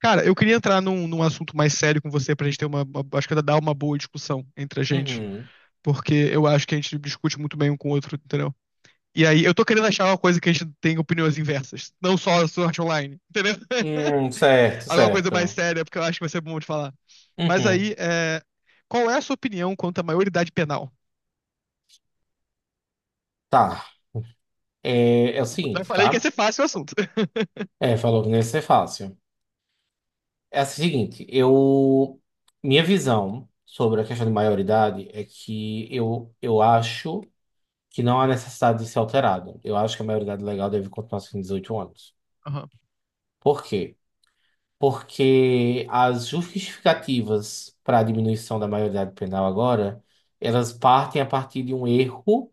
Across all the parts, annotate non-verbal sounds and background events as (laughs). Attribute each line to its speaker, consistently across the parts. Speaker 1: Cara, eu queria entrar num assunto mais sério com você pra gente ter Acho que dá uma boa discussão entre a gente.
Speaker 2: Uhum.
Speaker 1: Porque eu acho que a gente discute muito bem um com o outro, entendeu? E aí, eu tô querendo achar uma coisa que a gente tem opiniões inversas. Não só a sorte online, entendeu? (laughs)
Speaker 2: Certo,
Speaker 1: Alguma coisa mais
Speaker 2: certo.
Speaker 1: séria, porque eu acho que vai ser bom de falar. Mas aí,
Speaker 2: Uhum.
Speaker 1: qual é a sua opinião quanto à maioridade penal?
Speaker 2: Tá. É o
Speaker 1: Eu
Speaker 2: seguinte,
Speaker 1: falei que ia
Speaker 2: tá?
Speaker 1: ser fácil o assunto. (laughs)
Speaker 2: É, falou que não ia ser fácil. É o seguinte, eu. Minha visão sobre a questão de maioridade é que eu acho que não há necessidade de ser alterado. Eu acho que a maioridade legal deve continuar sendo 18 anos.
Speaker 1: Aham.
Speaker 2: Por quê? Porque as justificativas para a diminuição da maioridade penal agora, elas partem a partir de um erro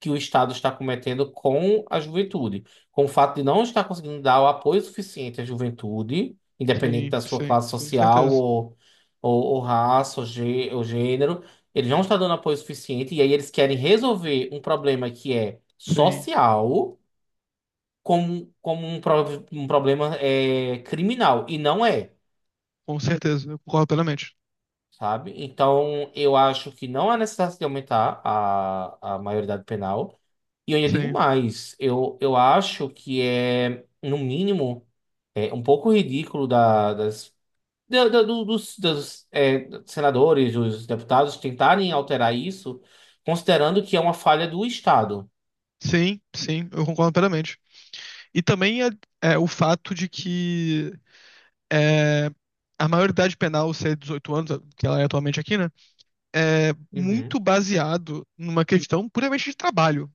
Speaker 2: que o Estado está cometendo com a juventude, com o fato de não estar conseguindo dar o apoio suficiente à juventude, independente
Speaker 1: Sim,
Speaker 2: da sua
Speaker 1: sim,
Speaker 2: classe
Speaker 1: com
Speaker 2: social
Speaker 1: certeza.
Speaker 2: ou raça ou gênero, eles não estão dando apoio suficiente e aí eles querem resolver um problema que é
Speaker 1: Sim,
Speaker 2: social como um problema criminal, e não é.
Speaker 1: com certeza. Eu concordo plenamente.
Speaker 2: Sabe? Então, eu acho que não há necessidade de aumentar a maioridade penal. E eu ainda digo
Speaker 1: Sim,
Speaker 2: mais, eu acho que é, no mínimo, é um pouco ridículo da- das, da- da- do- dos, dos, é, senadores, dos deputados tentarem alterar isso, considerando que é uma falha do Estado.
Speaker 1: sim, sim, eu concordo plenamente. E também é, é o fato de que é, a maioridade penal ser 18 anos, que ela é atualmente aqui, né? É
Speaker 2: Uhum.
Speaker 1: muito baseado numa questão puramente de trabalho.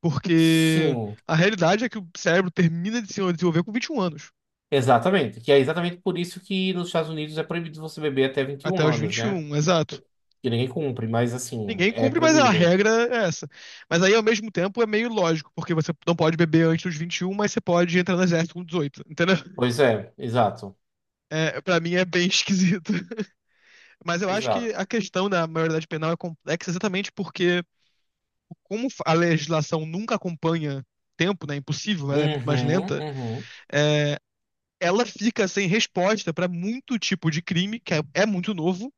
Speaker 1: Porque
Speaker 2: Sim,
Speaker 1: a realidade é que o cérebro termina de se desenvolver com 21 anos.
Speaker 2: exatamente. Que é exatamente por isso que nos Estados Unidos é proibido você beber até vinte e
Speaker 1: Até
Speaker 2: um
Speaker 1: os
Speaker 2: anos,
Speaker 1: vinte e
Speaker 2: né?
Speaker 1: um, exato.
Speaker 2: Que ninguém cumpre, mas assim,
Speaker 1: Ninguém
Speaker 2: é
Speaker 1: cumpre, mas a
Speaker 2: proibido.
Speaker 1: regra é essa. Mas aí, ao mesmo tempo, é meio lógico, porque você não pode beber antes dos 21, mas você pode entrar no exército com 18. Entendeu?
Speaker 2: Pois é, exato,
Speaker 1: É, pra mim é bem (laughs) esquisito. Mas eu acho que
Speaker 2: exato.
Speaker 1: a questão da maioridade penal é complexa exatamente porque, como a legislação nunca acompanha tempo, né? É impossível, ela é muito mais
Speaker 2: Uhum,
Speaker 1: lenta,
Speaker 2: uhum,
Speaker 1: é, ela fica sem resposta para muito tipo de crime que é, é muito novo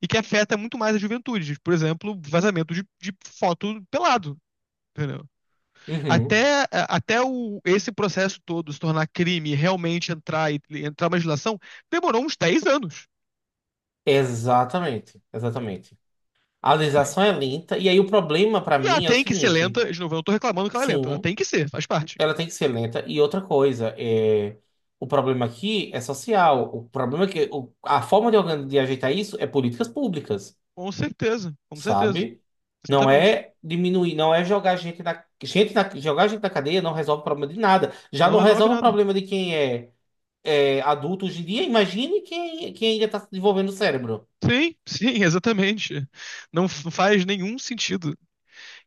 Speaker 1: e que afeta muito mais a juventude. Por exemplo, vazamento de foto pelado. Entendeu?
Speaker 2: uhum.
Speaker 1: Até esse processo todo se tornar crime e realmente entrar e entrar uma legislação, demorou uns 10 anos.
Speaker 2: Exatamente, exatamente. A
Speaker 1: Sim.
Speaker 2: legislação é lenta, e aí o problema pra
Speaker 1: E ela
Speaker 2: mim é o
Speaker 1: tem que ser
Speaker 2: seguinte:
Speaker 1: lenta. De novo, eu não tô reclamando que ela é lenta. Ela
Speaker 2: sim,
Speaker 1: tem que ser, faz parte.
Speaker 2: ela tem que ser lenta, e outra coisa, o problema aqui é social. O problema é que a forma de ajeitar isso é políticas públicas,
Speaker 1: Com certeza, com certeza.
Speaker 2: sabe? Não
Speaker 1: Exatamente.
Speaker 2: é diminuir, não é jogar gente na cadeia não resolve o problema de nada. Já
Speaker 1: Não
Speaker 2: não
Speaker 1: resolve
Speaker 2: resolve o
Speaker 1: nada.
Speaker 2: problema de quem é adulto hoje em dia. Imagine quem ainda está desenvolvendo o cérebro.
Speaker 1: Sim, sim, (laughs) exatamente. Não faz nenhum sentido.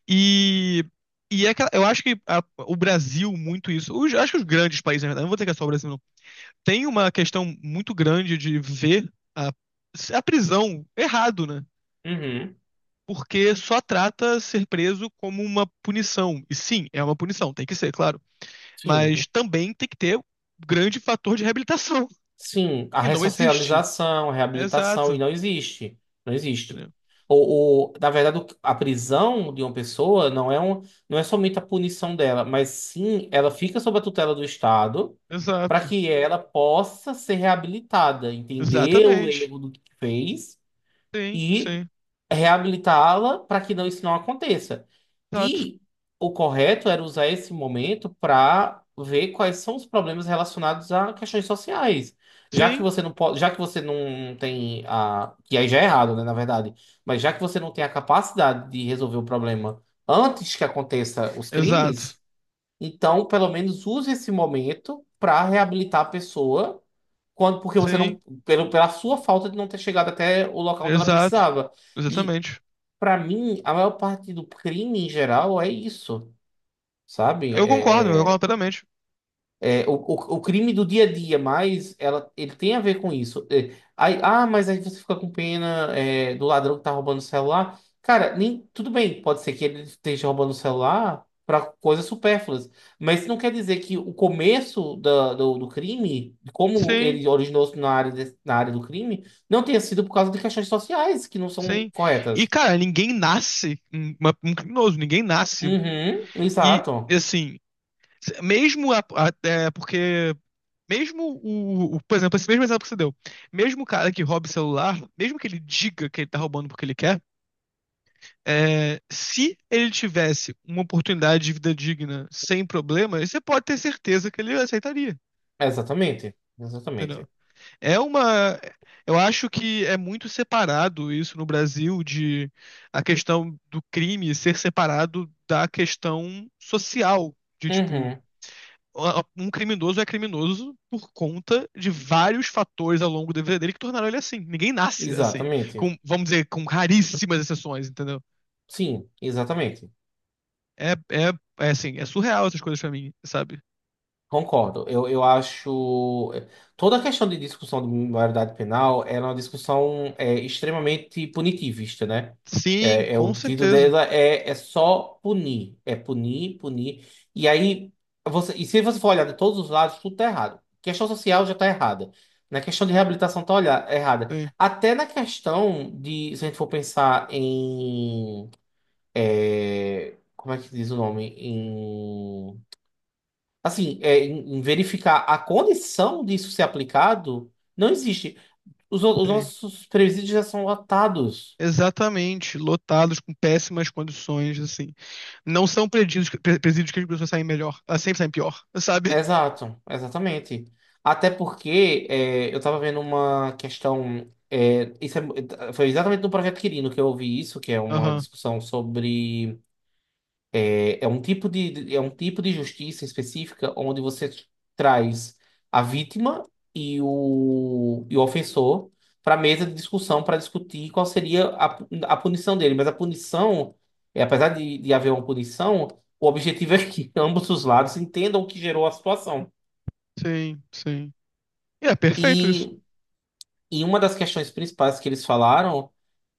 Speaker 1: E, e, é que eu acho que o Brasil, muito isso. Acho que os grandes países, na verdade, não vou dizer que é só o Brasil, não. Tem uma questão muito grande de ver a prisão errado, né?
Speaker 2: Uhum,
Speaker 1: Porque só trata ser preso como uma punição. E sim, é uma punição, tem que ser, claro.
Speaker 2: sim.
Speaker 1: Mas também tem que ter um grande fator de reabilitação. (laughs)
Speaker 2: Sim, a
Speaker 1: E não existe.
Speaker 2: ressocialização, a reabilitação,
Speaker 1: Exato.
Speaker 2: e não existe. Não existe.
Speaker 1: Entendeu?
Speaker 2: Ou, na verdade, a prisão de uma pessoa não é somente a punição dela, mas sim ela fica sob a tutela do Estado para
Speaker 1: Exato.
Speaker 2: que ela possa ser reabilitada, entender o
Speaker 1: Exatamente.
Speaker 2: erro do que fez
Speaker 1: Sim,
Speaker 2: e
Speaker 1: sim.
Speaker 2: reabilitá-la para que não, isso não aconteça.
Speaker 1: Exato.
Speaker 2: E o correto era usar esse momento para ver quais são os problemas relacionados a questões sociais. Já que
Speaker 1: Sim.
Speaker 2: você não pode, já que você não tem a, que aí já é errado, né, na verdade, mas já que você não tem a capacidade de resolver o problema antes que aconteça os
Speaker 1: Exato.
Speaker 2: crimes, então pelo menos use esse momento para reabilitar a pessoa quando porque você não
Speaker 1: Sim.
Speaker 2: pela sua falta de não ter chegado até o local onde ela
Speaker 1: Exato.
Speaker 2: precisava. E
Speaker 1: Exatamente.
Speaker 2: pra mim, a maior parte do crime em geral é isso, sabe?
Speaker 1: Eu concordo plenamente.
Speaker 2: É o crime do dia a dia, mas ele tem a ver com isso. É, aí, ah, mas aí você fica com pena, do ladrão que tá roubando o celular. Cara, nem, tudo bem, pode ser que ele esteja roubando o celular pra coisas supérfluas, mas isso não quer dizer que o começo do crime, como
Speaker 1: Sim,
Speaker 2: ele originou-se na área, na área do crime, não tenha sido por causa de questões sociais que não são
Speaker 1: sim. E,
Speaker 2: corretas.
Speaker 1: cara, ninguém nasce um criminoso, ninguém nasce.
Speaker 2: Uhum,
Speaker 1: E,
Speaker 2: exato.
Speaker 1: assim, se- mesmo a- até porque Mesmo o- Por exemplo, esse mesmo exemplo que você deu. Mesmo o cara que rouba o celular, mesmo que ele diga que ele tá roubando porque ele quer, se ele tivesse uma oportunidade de vida digna sem problemas, você pode ter certeza que ele aceitaria.
Speaker 2: Exatamente,
Speaker 1: Entendeu?
Speaker 2: exatamente.
Speaker 1: É uma. Eu acho que é muito separado isso no Brasil de a questão do crime ser separado da questão social. De tipo,
Speaker 2: Uhum,
Speaker 1: um criminoso é criminoso por conta de vários fatores ao longo da vida dele que tornaram ele assim. Ninguém nasce assim,
Speaker 2: exatamente.
Speaker 1: com, vamos dizer, com raríssimas exceções, entendeu?
Speaker 2: Sim, exatamente.
Speaker 1: É, é, é assim, é surreal essas coisas pra mim, sabe?
Speaker 2: Concordo. Eu acho. Toda a questão de discussão de maioridade penal ela é uma discussão extremamente punitivista, né?
Speaker 1: Sim, com
Speaker 2: O pedido
Speaker 1: certeza.
Speaker 2: dela é só punir. É punir, punir. E aí, você, e se você for olhar de todos os lados, tudo tá errado. Questão social já tá errada. Na questão de reabilitação tá errada.
Speaker 1: Sim,
Speaker 2: Até na questão de, se a gente for pensar em como é que diz o nome? Assim, em verificar a condição disso ser aplicado, não existe. Os, no- os
Speaker 1: sim.
Speaker 2: nossos presídios já são lotados.
Speaker 1: Exatamente, lotados com péssimas condições, assim. Não são presídios, presídios que as pessoas saem melhor, elas sempre saem pior, (laughs) sabe?
Speaker 2: Exato, exatamente. Até porque eu estava vendo uma questão. Foi exatamente no projeto Quirino que eu ouvi isso, que é uma
Speaker 1: Aham,
Speaker 2: discussão sobre É um tipo de- é um tipo de justiça específica onde você traz a vítima e o ofensor para a mesa de discussão para discutir qual seria a punição dele. Mas a punição, apesar de haver uma punição, o objetivo é que (laughs) ambos os lados entendam o que gerou a situação.
Speaker 1: sim, sim. E é perfeito isso.
Speaker 2: E E uma das questões principais que eles falaram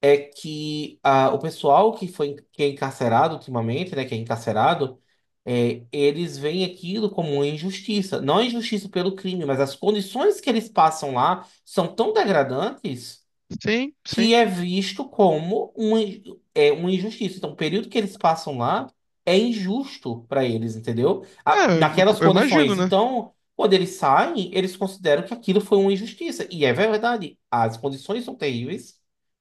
Speaker 2: é que ah, o pessoal que é encarcerado ultimamente, né, que é encarcerado, eles veem aquilo como uma injustiça. Não a injustiça pelo crime, mas as condições que eles passam lá são tão degradantes
Speaker 1: Sim,
Speaker 2: que
Speaker 1: sim.
Speaker 2: é visto como uma injustiça. Então, o período que eles passam lá é injusto para eles, entendeu?
Speaker 1: É, eu
Speaker 2: Naquelas
Speaker 1: eu imagino,
Speaker 2: condições.
Speaker 1: né?
Speaker 2: Então, quando eles saem, eles consideram que aquilo foi uma injustiça. E é verdade, as condições são terríveis.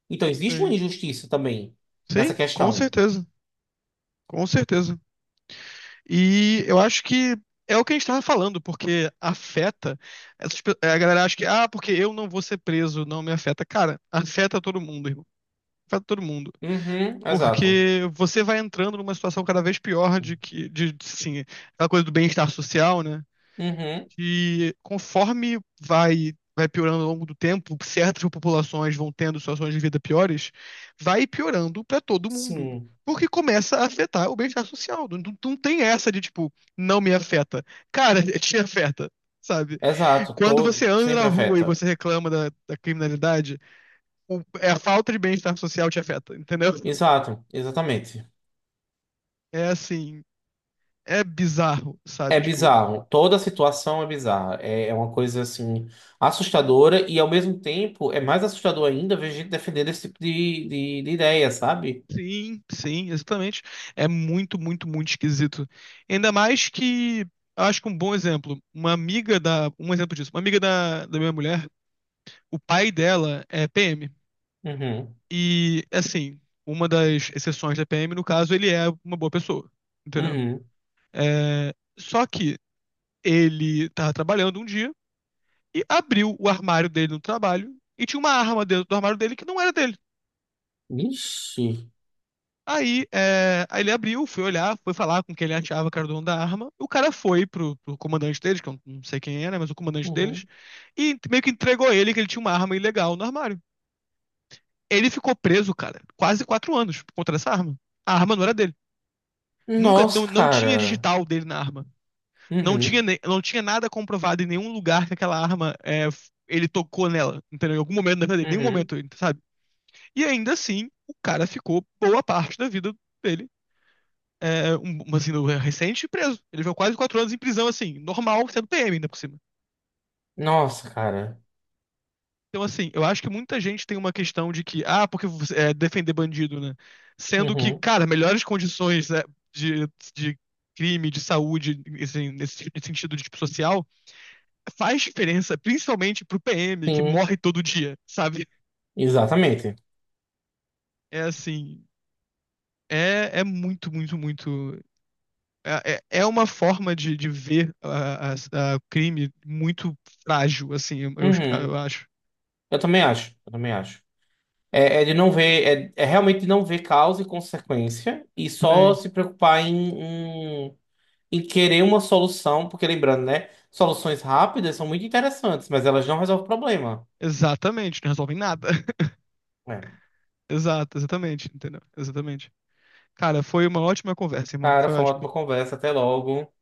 Speaker 2: Então, existe uma
Speaker 1: Sim.
Speaker 2: injustiça também nessa
Speaker 1: Sim, com
Speaker 2: questão.
Speaker 1: certeza, com certeza. E eu acho que é o que a gente estava falando, porque afeta. A galera acha que, ah, porque eu não vou ser preso, não me afeta. Cara, afeta todo mundo, irmão. Afeta todo mundo.
Speaker 2: Uhum, exato.
Speaker 1: Porque você vai entrando numa situação cada vez pior de que, de, assim, aquela coisa do bem-estar social, né?
Speaker 2: Uhum,
Speaker 1: Que conforme vai piorando ao longo do tempo, certas populações vão tendo situações de vida piores, vai piorando pra todo mundo.
Speaker 2: sim,
Speaker 1: Porque começa a afetar o bem-estar social. Não, não tem essa de, tipo, não me afeta. Cara, (laughs) te afeta, sabe?
Speaker 2: exato.
Speaker 1: Quando você
Speaker 2: Todo
Speaker 1: anda na
Speaker 2: sempre
Speaker 1: rua e
Speaker 2: afeta.
Speaker 1: você reclama da criminalidade, é a falta de bem-estar social te afeta, entendeu? (laughs)
Speaker 2: Exato, exatamente.
Speaker 1: É assim, é bizarro, sabe?
Speaker 2: É
Speaker 1: Tipo,
Speaker 2: bizarro. Toda a situação é bizarra. É uma coisa assim assustadora e ao mesmo tempo é mais assustador ainda ver gente defendendo esse tipo de ideia, sabe?
Speaker 1: sim, sim, exatamente. É muito, muito, muito esquisito. Ainda mais que, eu acho que um bom exemplo, um exemplo disso, uma amiga da minha mulher, o pai dela é PM.
Speaker 2: Uhum.
Speaker 1: E, assim, uma das exceções da PM, no caso, ele é uma boa pessoa, entendeu?
Speaker 2: Uhum.
Speaker 1: Só que ele tava trabalhando um dia e abriu o armário dele no trabalho e tinha uma arma dentro do armário dele que não era dele.
Speaker 2: Ixi.
Speaker 1: Aí, ele abriu, foi olhar, foi falar com quem ele achava que era o dono da arma. O cara foi pro comandante deles, que eu não sei quem era, mas o comandante
Speaker 2: Uhum.
Speaker 1: deles, e meio que entregou ele que ele tinha uma arma ilegal no armário. Ele ficou preso, cara, quase 4 anos por conta dessa arma. A arma não era dele. Nunca, não,
Speaker 2: Nossa,
Speaker 1: não tinha
Speaker 2: cara.
Speaker 1: digital dele na arma. Não tinha,
Speaker 2: Uhum.
Speaker 1: não tinha nada comprovado em nenhum lugar que aquela arma ele tocou nela, entendeu? Em algum momento da vida dele, em nenhum
Speaker 2: Uhum.
Speaker 1: momento, sabe? E ainda assim, o cara ficou boa parte da vida dele uma sina recente e preso. Ele viveu quase 4 anos em prisão, assim, normal, sendo PM ainda por cima.
Speaker 2: Nossa, cara.
Speaker 1: Então, assim, eu acho que muita gente tem uma questão de que, ah, porque defender bandido, né? Sendo que,
Speaker 2: Uhum.
Speaker 1: cara, melhores condições né, de, de crime, de saúde, assim, nesse sentido de tipo social, faz diferença, principalmente pro PM, que
Speaker 2: Sim.
Speaker 1: morre todo dia, sabe?
Speaker 2: Exatamente.
Speaker 1: É assim, é muito, muito, muito. É uma forma de ver o crime muito frágil, assim,
Speaker 2: Uhum.
Speaker 1: eu acho.
Speaker 2: Eu também acho. Eu também acho. É de não ver, é realmente de não ver causa e consequência e só
Speaker 1: Sim.
Speaker 2: se preocupar em e querer uma solução, porque lembrando, né? Soluções rápidas são muito interessantes, mas elas não resolvem o problema.
Speaker 1: Exatamente, não resolvem nada. (laughs)
Speaker 2: É.
Speaker 1: Exato, exatamente, entendeu? Exatamente. Cara, foi uma ótima conversa, irmão.
Speaker 2: Cara,
Speaker 1: Foi
Speaker 2: foi uma
Speaker 1: ótimo.
Speaker 2: ótima conversa. Até logo.